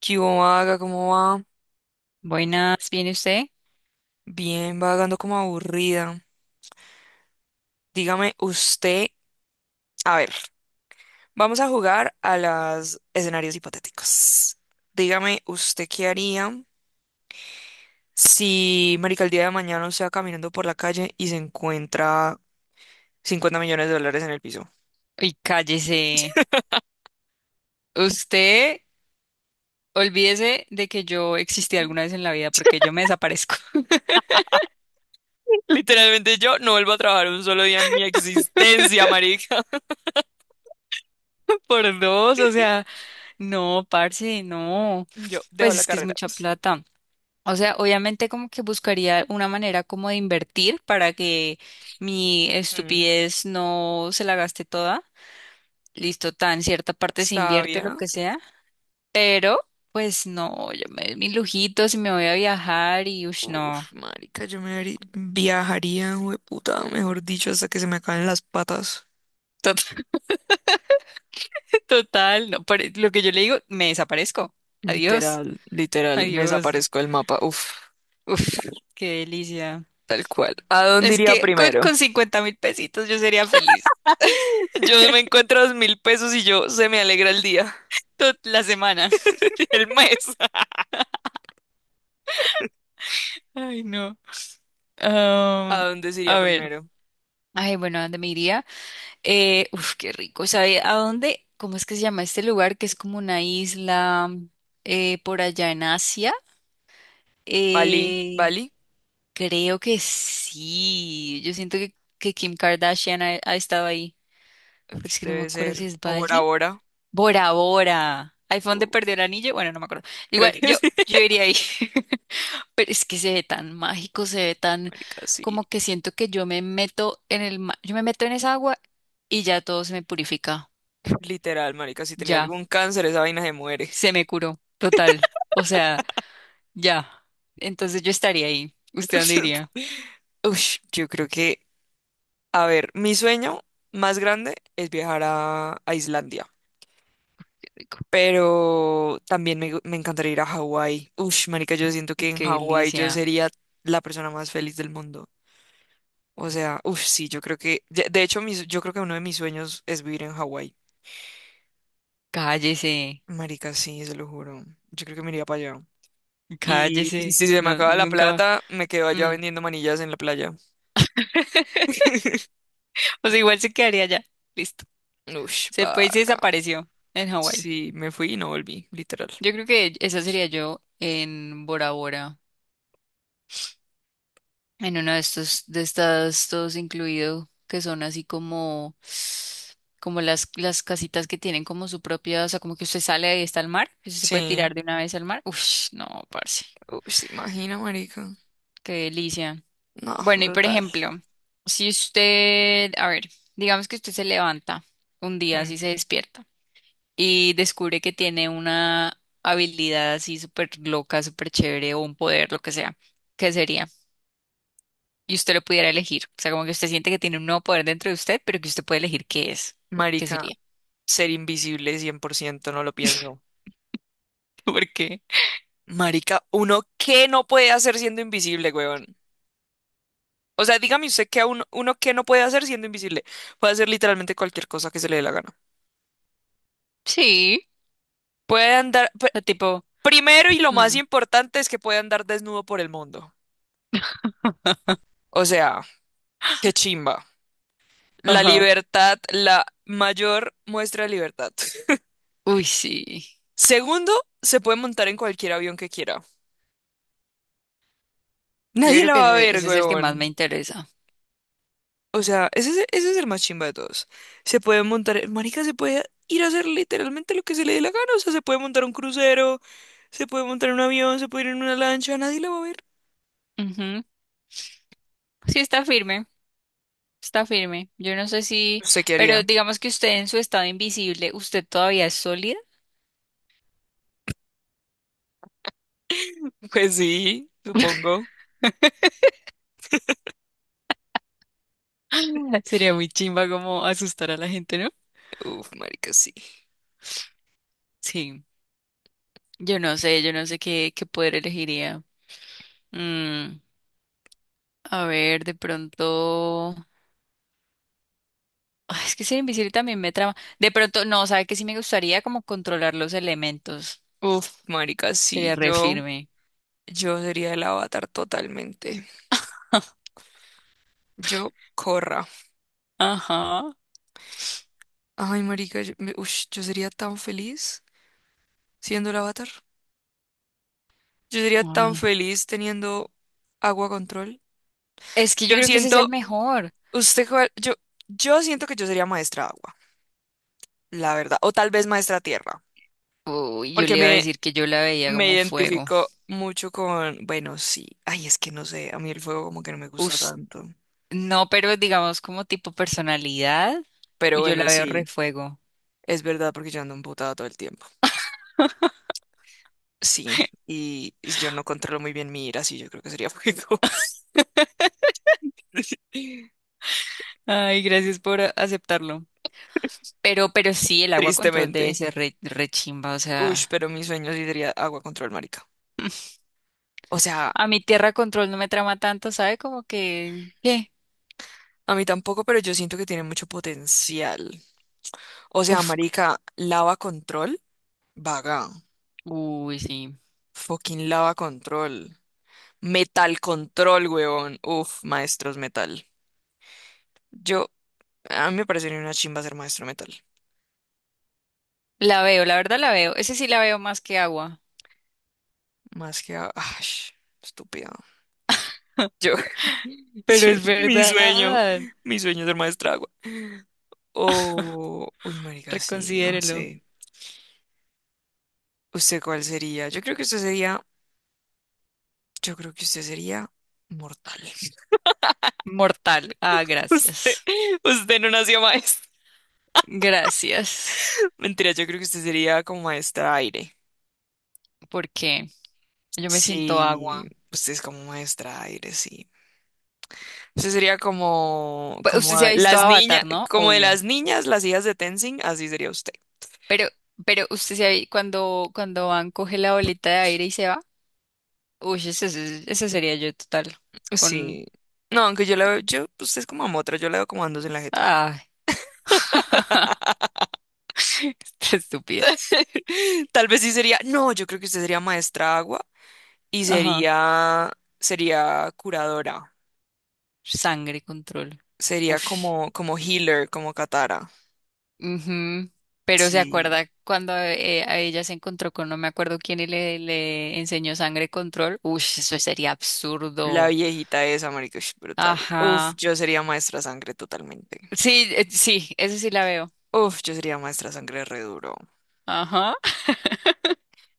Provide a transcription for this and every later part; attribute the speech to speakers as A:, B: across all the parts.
A: ¿Qué hubo, vaga? ¿Cómo va?
B: Buenas, ¿viene usted?
A: Bien, vagando como aburrida. Dígame usted, a ver, vamos a jugar a los escenarios hipotéticos. Dígame usted qué haría si, marica, el día de mañana usted va caminando por la calle y se encuentra 50 millones de dólares en el piso.
B: Y cállese. Usted, olvídese de que yo existí alguna vez en la vida porque yo me desaparezco
A: Literalmente yo no vuelvo a trabajar un solo día en mi existencia, marica.
B: por dos. O sea, no, parce, no.
A: Yo dejo
B: Pues
A: la
B: es que es
A: carrera.
B: mucha plata. O sea, obviamente como que buscaría una manera como de invertir para que mi
A: Mm,
B: estupidez no se la gaste toda. Listo, tan cierta parte se invierte lo
A: sabia.
B: que sea, pero pues no, yo me doy mis lujitos y me voy a viajar y ush, no.
A: Uf, marica, viajaría, puta, mejor dicho, hasta que se me acaben las patas.
B: Total, no, por lo que yo le digo, me desaparezco. Adiós,
A: Literal, literal, me
B: adiós.
A: desaparezco del mapa. Uf,
B: Uf, qué delicia.
A: tal cual. ¿A dónde
B: Es
A: iría
B: que con,
A: primero?
B: con 50 mil pesitos yo sería feliz
A: Yo me encuentro 2000 pesos y yo se me alegra el día,
B: toda la semana.
A: el mes.
B: Ay, no.
A: ¿A
B: Am,
A: dónde se iría
B: a ver.
A: primero?
B: Ay, bueno, ¿a ¿dónde me iría? Uf, qué rico. ¿Sabe a dónde? ¿Cómo es que se llama este lugar? Que es como una isla por allá en Asia.
A: Bali,
B: Eh,
A: Bali,
B: creo que sí. Yo siento que Kim Kardashian ha estado ahí. Pero es que no me
A: debe
B: acuerdo si
A: ser,
B: es
A: o Bora
B: Bali.
A: Bora.
B: Bora Bora. Ahí fue donde
A: Uf,
B: perdió el anillo. Bueno, no me acuerdo.
A: creo
B: Igual,
A: que sí.
B: yo iría ahí. Pero es que se ve tan mágico, se ve tan
A: Marica, sí.
B: como que siento que yo me meto en el yo me meto en esa agua y ya todo se me purifica.
A: Literal, marica, si tenía
B: Ya,
A: algún cáncer, esa vaina se muere.
B: se me curó. Total. O sea, ya. Entonces yo estaría ahí. ¿Usted dónde iría?
A: Uy, yo creo que, a ver, mi sueño más grande es viajar a Islandia,
B: Rico.
A: pero también me encantaría ir a Hawái. Ush, marica, yo siento que en
B: Qué
A: Hawái yo
B: delicia.
A: sería la persona más feliz del mundo. O sea, uff, sí, yo creo que, de hecho, yo creo que uno de mis sueños es vivir en Hawái.
B: Cállese.
A: Marica, sí, se lo juro. Yo creo que me iría para allá. Y si
B: Cállese.
A: si se me
B: No,
A: acaba la
B: nunca.
A: plata, me quedo allá
B: Mm.
A: vendiendo manillas en la playa.
B: O sea, igual se quedaría allá. Listo.
A: Ush,
B: Se fue y se
A: paga.
B: desapareció en Hawái.
A: Sí, me fui y no volví, literal.
B: Yo creo que esa sería yo en Bora Bora, en uno de estos, de estas, todos incluido, que son así como, como las casitas que tienen como su propia, o sea, como que usted sale y está al mar, que usted se puede
A: Sí.
B: tirar de una vez al mar. Uf, no, parce,
A: Uy, se imagina, marica.
B: qué delicia.
A: No,
B: Bueno, y por
A: brutal.
B: ejemplo, si usted, a ver, digamos que usted se levanta un día,
A: Mm.
B: así se despierta. Y descubre que tiene una habilidad así súper loca, súper chévere o un poder, lo que sea, ¿qué sería? Y usted lo pudiera elegir. O sea, como que usted siente que tiene un nuevo poder dentro de usted, pero que usted puede elegir qué es. ¿Qué
A: Marica,
B: sería?
A: ser invisible 100% no lo pienso.
B: ¿Por qué?
A: Marica, ¿uno qué no puede hacer siendo invisible, weón? O sea, dígame usted que a uno, uno qué no puede hacer siendo invisible. Puede hacer literalmente cualquier cosa que se le dé la gana.
B: Sí.
A: Puede andar, pr-
B: O sea, tipo,
A: Primero y lo más
B: mm,
A: importante es que puede andar desnudo por el mundo. O sea, qué chimba. La
B: ajá.
A: libertad, la mayor muestra de libertad.
B: Uy, sí.
A: Segundo, se puede montar en cualquier avión que quiera.
B: Yo
A: Nadie
B: creo
A: la
B: que
A: va a
B: ese
A: ver,
B: ese es el que más me
A: weón.
B: interesa.
A: O sea, ese es el más chimba de todos. Se puede montar, marica, se puede ir a hacer literalmente lo que se le dé la gana. O sea, se puede montar un crucero, se puede montar un avión, se puede ir en una lancha, nadie la va a ver.
B: Ujú. Sí, está firme. Está firme. Yo no sé si,
A: ¿Usted qué haría?
B: pero digamos que usted en su estado invisible, ¿usted todavía es sólida?
A: Pues sí, supongo.
B: Sería muy chimba como asustar a la gente, ¿no?
A: Uf, marica, sí.
B: Sí, yo no sé qué poder elegiría. Mm, a ver, de pronto... Ay, es que ser invisible también me trama. De pronto, no, ¿sabe que sí me gustaría como controlar los elementos?
A: Uf, marica, sí.
B: Sería re firme.
A: Yo sería el avatar totalmente. Yo, corra.
B: Ajá.
A: Ay, marica, yo sería tan feliz siendo el avatar. Yo sería tan
B: Ah,
A: feliz teniendo agua control.
B: es que
A: Yo
B: yo creo que ese es
A: siento,
B: el mejor.
A: Usted, cuál- yo, yo siento que yo sería maestra agua, la verdad, o tal vez maestra tierra,
B: Uy, yo
A: porque
B: le iba a decir que yo la veía
A: me
B: como fuego.
A: identifico mucho con, bueno, sí, ay, es que no sé, a mí el fuego como que no me gusta
B: Us-
A: tanto,
B: no, pero digamos como tipo personalidad,
A: pero
B: yo la
A: bueno,
B: veo re
A: sí,
B: fuego.
A: es verdad porque yo ando emputada todo el tiempo, sí, y yo no controlo muy bien mi ira, sí, yo creo que sería fuego,
B: Ay, gracias por aceptarlo. Pero sí, el agua control debe
A: tristemente.
B: ser re, re chimba, o
A: Uy,
B: sea,
A: pero mi sueño sí sería agua control, marica. O sea,
B: a mi tierra control no me trama tanto, ¿sabe? Como que, ¿qué?
A: a mí tampoco, pero yo siento que tiene mucho potencial. O sea,
B: Uf,
A: marica, lava control. Vaga.
B: uy, sí.
A: Fucking lava control. Metal control, huevón. Uf, maestros metal. Yo, a mí me parecería una chimba ser maestro metal.
B: La veo, la verdad la veo. Ese sí la veo más que agua.
A: Ay, estúpido. Yo,
B: Pero
A: yo-
B: es
A: mi sueño,
B: verdad.
A: mi sueño es ser maestra agua. O, uy, marica, sí, no
B: Reconsidérelo.
A: sé. ¿Usted cuál sería? Yo creo que usted sería mortal.
B: Mortal. Ah,
A: Usted,
B: gracias.
A: usted no nació maestro.
B: Gracias.
A: Mentira, yo creo que usted sería como maestra aire.
B: Porque yo me siento agua.
A: Sí, usted es como maestra aire, sí. Usted sería como,
B: Pues, usted se ha visto Avatar, ¿no?
A: como de
B: Obvio.
A: las niñas, las hijas de Tenzin, así sería usted.
B: Pero, pero usted se ha cuando, cuando van, coge la bolita de aire y se va. Uy, ese sería yo total. Con.
A: Sí. No, aunque yo la veo, yo, usted es como otra, yo la veo como andos en la jeta.
B: Ah, está estúpida.
A: Tal vez sí sería, no, yo creo que usted sería maestra agua y
B: Ajá.
A: sería, sería curadora.
B: Sangre, control.
A: Sería
B: Uff.
A: como, como healer, como Katara.
B: Ujú. Pero se
A: Sí.
B: acuerda cuando a ella se encontró con no me acuerdo quién y le enseñó sangre, control. Uy, eso sería
A: La
B: absurdo.
A: viejita esa, marica, ush, brutal. Uf,
B: Ajá.
A: yo sería maestra sangre totalmente.
B: Sí, sí, eso sí la veo.
A: Uf, yo sería maestra sangre re duro.
B: Ajá.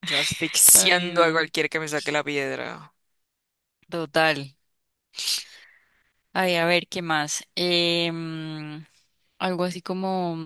A: Yo
B: Ay,
A: asfixiando a
B: no.
A: cualquier que me saque la piedra.
B: Total. Ay, a ver, ¿qué más? Algo así como.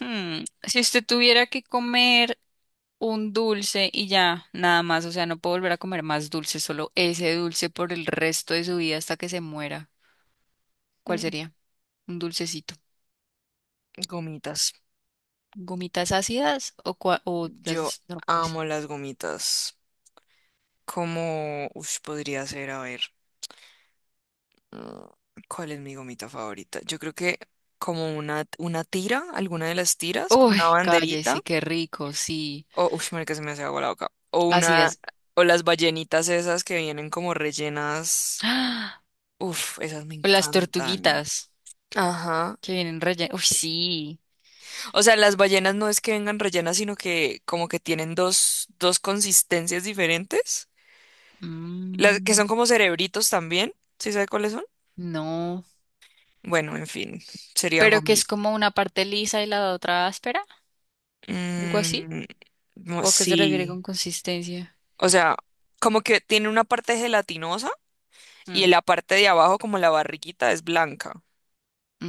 B: Si usted tuviera que comer un dulce y ya, nada más, o sea, no puedo volver a comer más dulce, solo ese dulce por el resto de su vida hasta que se muera, ¿cuál
A: Mm,
B: sería? Un dulcecito.
A: gomitas.
B: ¿Gomitas ácidas o, o
A: Yo
B: las normales?
A: amo las gomitas. ¿Cómo ush, podría ser? A ver, mm, ¿cuál es mi gomita favorita? Yo creo que como una tira, alguna de las tiras, como
B: Uy,
A: una banderita.
B: cállese, qué rico, sí.
A: O, uff, marica, se me hace agua la boca. O una,
B: Ácidas.
A: o las ballenitas esas que vienen como rellenas.
B: ¡Ah!
A: Uf, esas me
B: O las
A: encantan.
B: tortuguitas
A: Ajá.
B: que vienen rellenas. Uy, sí.
A: O sea, las ballenas no es que vengan rellenas, sino que como que tienen dos consistencias diferentes, las que
B: Mm,
A: son como cerebritos también, ¿sí sabe cuáles son?
B: no.
A: Bueno, en fin, serían
B: Pero que
A: gomi.
B: es como una parte lisa y la otra áspera, algo así.
A: Mm, no,
B: ¿O a qué se refiere
A: sí,
B: con consistencia?
A: o sea, como que tiene una parte gelatinosa y en
B: Mm.
A: la parte de abajo, como la barriguita, es blanca,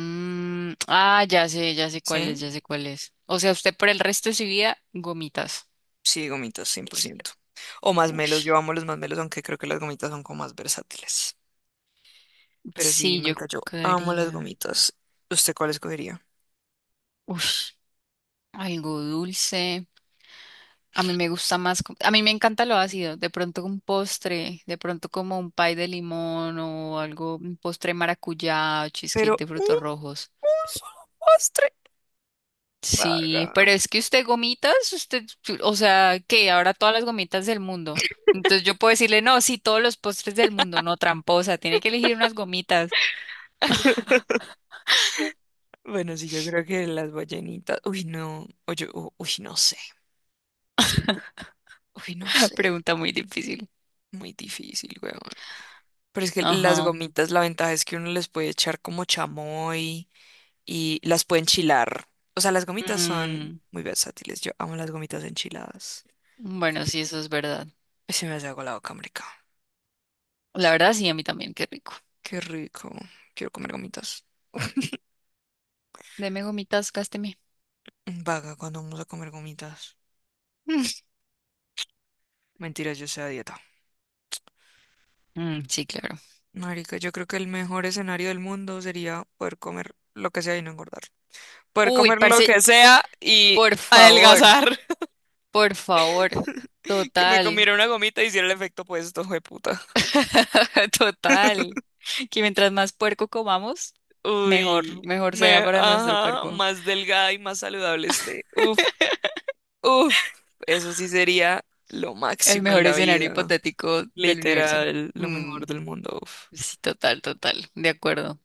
B: Mm, ah, ya sé cuál es,
A: ¿sí?
B: ya sé cuál es. O sea, usted por el resto de su vida, gomitas.
A: Sí, gomitas, 100%. O masmelos, yo
B: Ush.
A: amo los masmelos, aunque creo que las gomitas son como más versátiles. Pero sí,
B: Sí, yo
A: marica, yo amo las
B: creo.
A: gomitas. ¿Usted cuál escogería?
B: Ush. Algo dulce. A mí me gusta más, a mí me encanta lo ácido, de pronto un postre, de pronto como un pie de limón o algo, un postre de maracuyá, o cheesecake
A: pero
B: de
A: un,
B: frutos rojos.
A: un solo postre.
B: Sí,
A: Vaga.
B: pero es que usted gomitas, usted, o sea, que ahora todas las gomitas del mundo. Entonces yo puedo decirle, no, sí, todos los postres del mundo, no, tramposa, tiene que elegir unas gomitas.
A: Bueno, sí, yo creo que las ballenitas. Uy, no. Uy, no sé. Uy, no sé.
B: Pregunta muy difícil.
A: Muy difícil, weón. Pero es que las
B: Ajá.
A: gomitas, la ventaja es que uno les puede echar como chamoy y las puede enchilar. O sea, las gomitas son
B: Mm,
A: muy versátiles. Yo amo las gomitas enchiladas.
B: bueno, sí, eso es verdad.
A: Ay, se me hace agua la boca, marica.
B: La verdad, sí, a mí también, qué rico.
A: Qué rico. Quiero comer gomitas.
B: Deme gomitas, gásteme.
A: Vaga, ¿cuando vamos a comer gomitas? Mentiras, yo sé a dieta.
B: Mm, sí, claro.
A: Marica, yo creo que el mejor escenario del mundo sería poder comer lo que sea y no engordar. Poder
B: Uy,
A: comer lo
B: parce,
A: que sea y
B: por favor,
A: adelgazar.
B: por favor.
A: Que me
B: Total.
A: comiera una gomita y hiciera el efecto opuesto, puta.
B: Total. Que mientras más puerco comamos,
A: Uy,
B: mejor, mejor sea para nuestro
A: ajá,
B: cuerpo.
A: más delgada y más saludable esté. Uf, uf, eso sí sería lo
B: El
A: máximo en
B: mejor
A: la
B: escenario
A: vida.
B: hipotético del universo.
A: Literal, lo
B: Mm,
A: mejor del mundo. Uf.
B: sí, total, total. De acuerdo.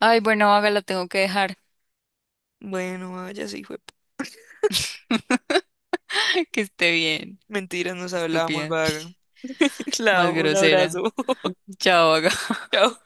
B: Ay, bueno, hágala, tengo que dejar.
A: Bueno, vaya, sí, fue.
B: Que esté bien.
A: Mentiras, nos hablábamos,
B: Estúpida.
A: vaga. La
B: Más
A: amo, un
B: grosera.
A: abrazo.
B: Chao, Vaga.
A: Chao.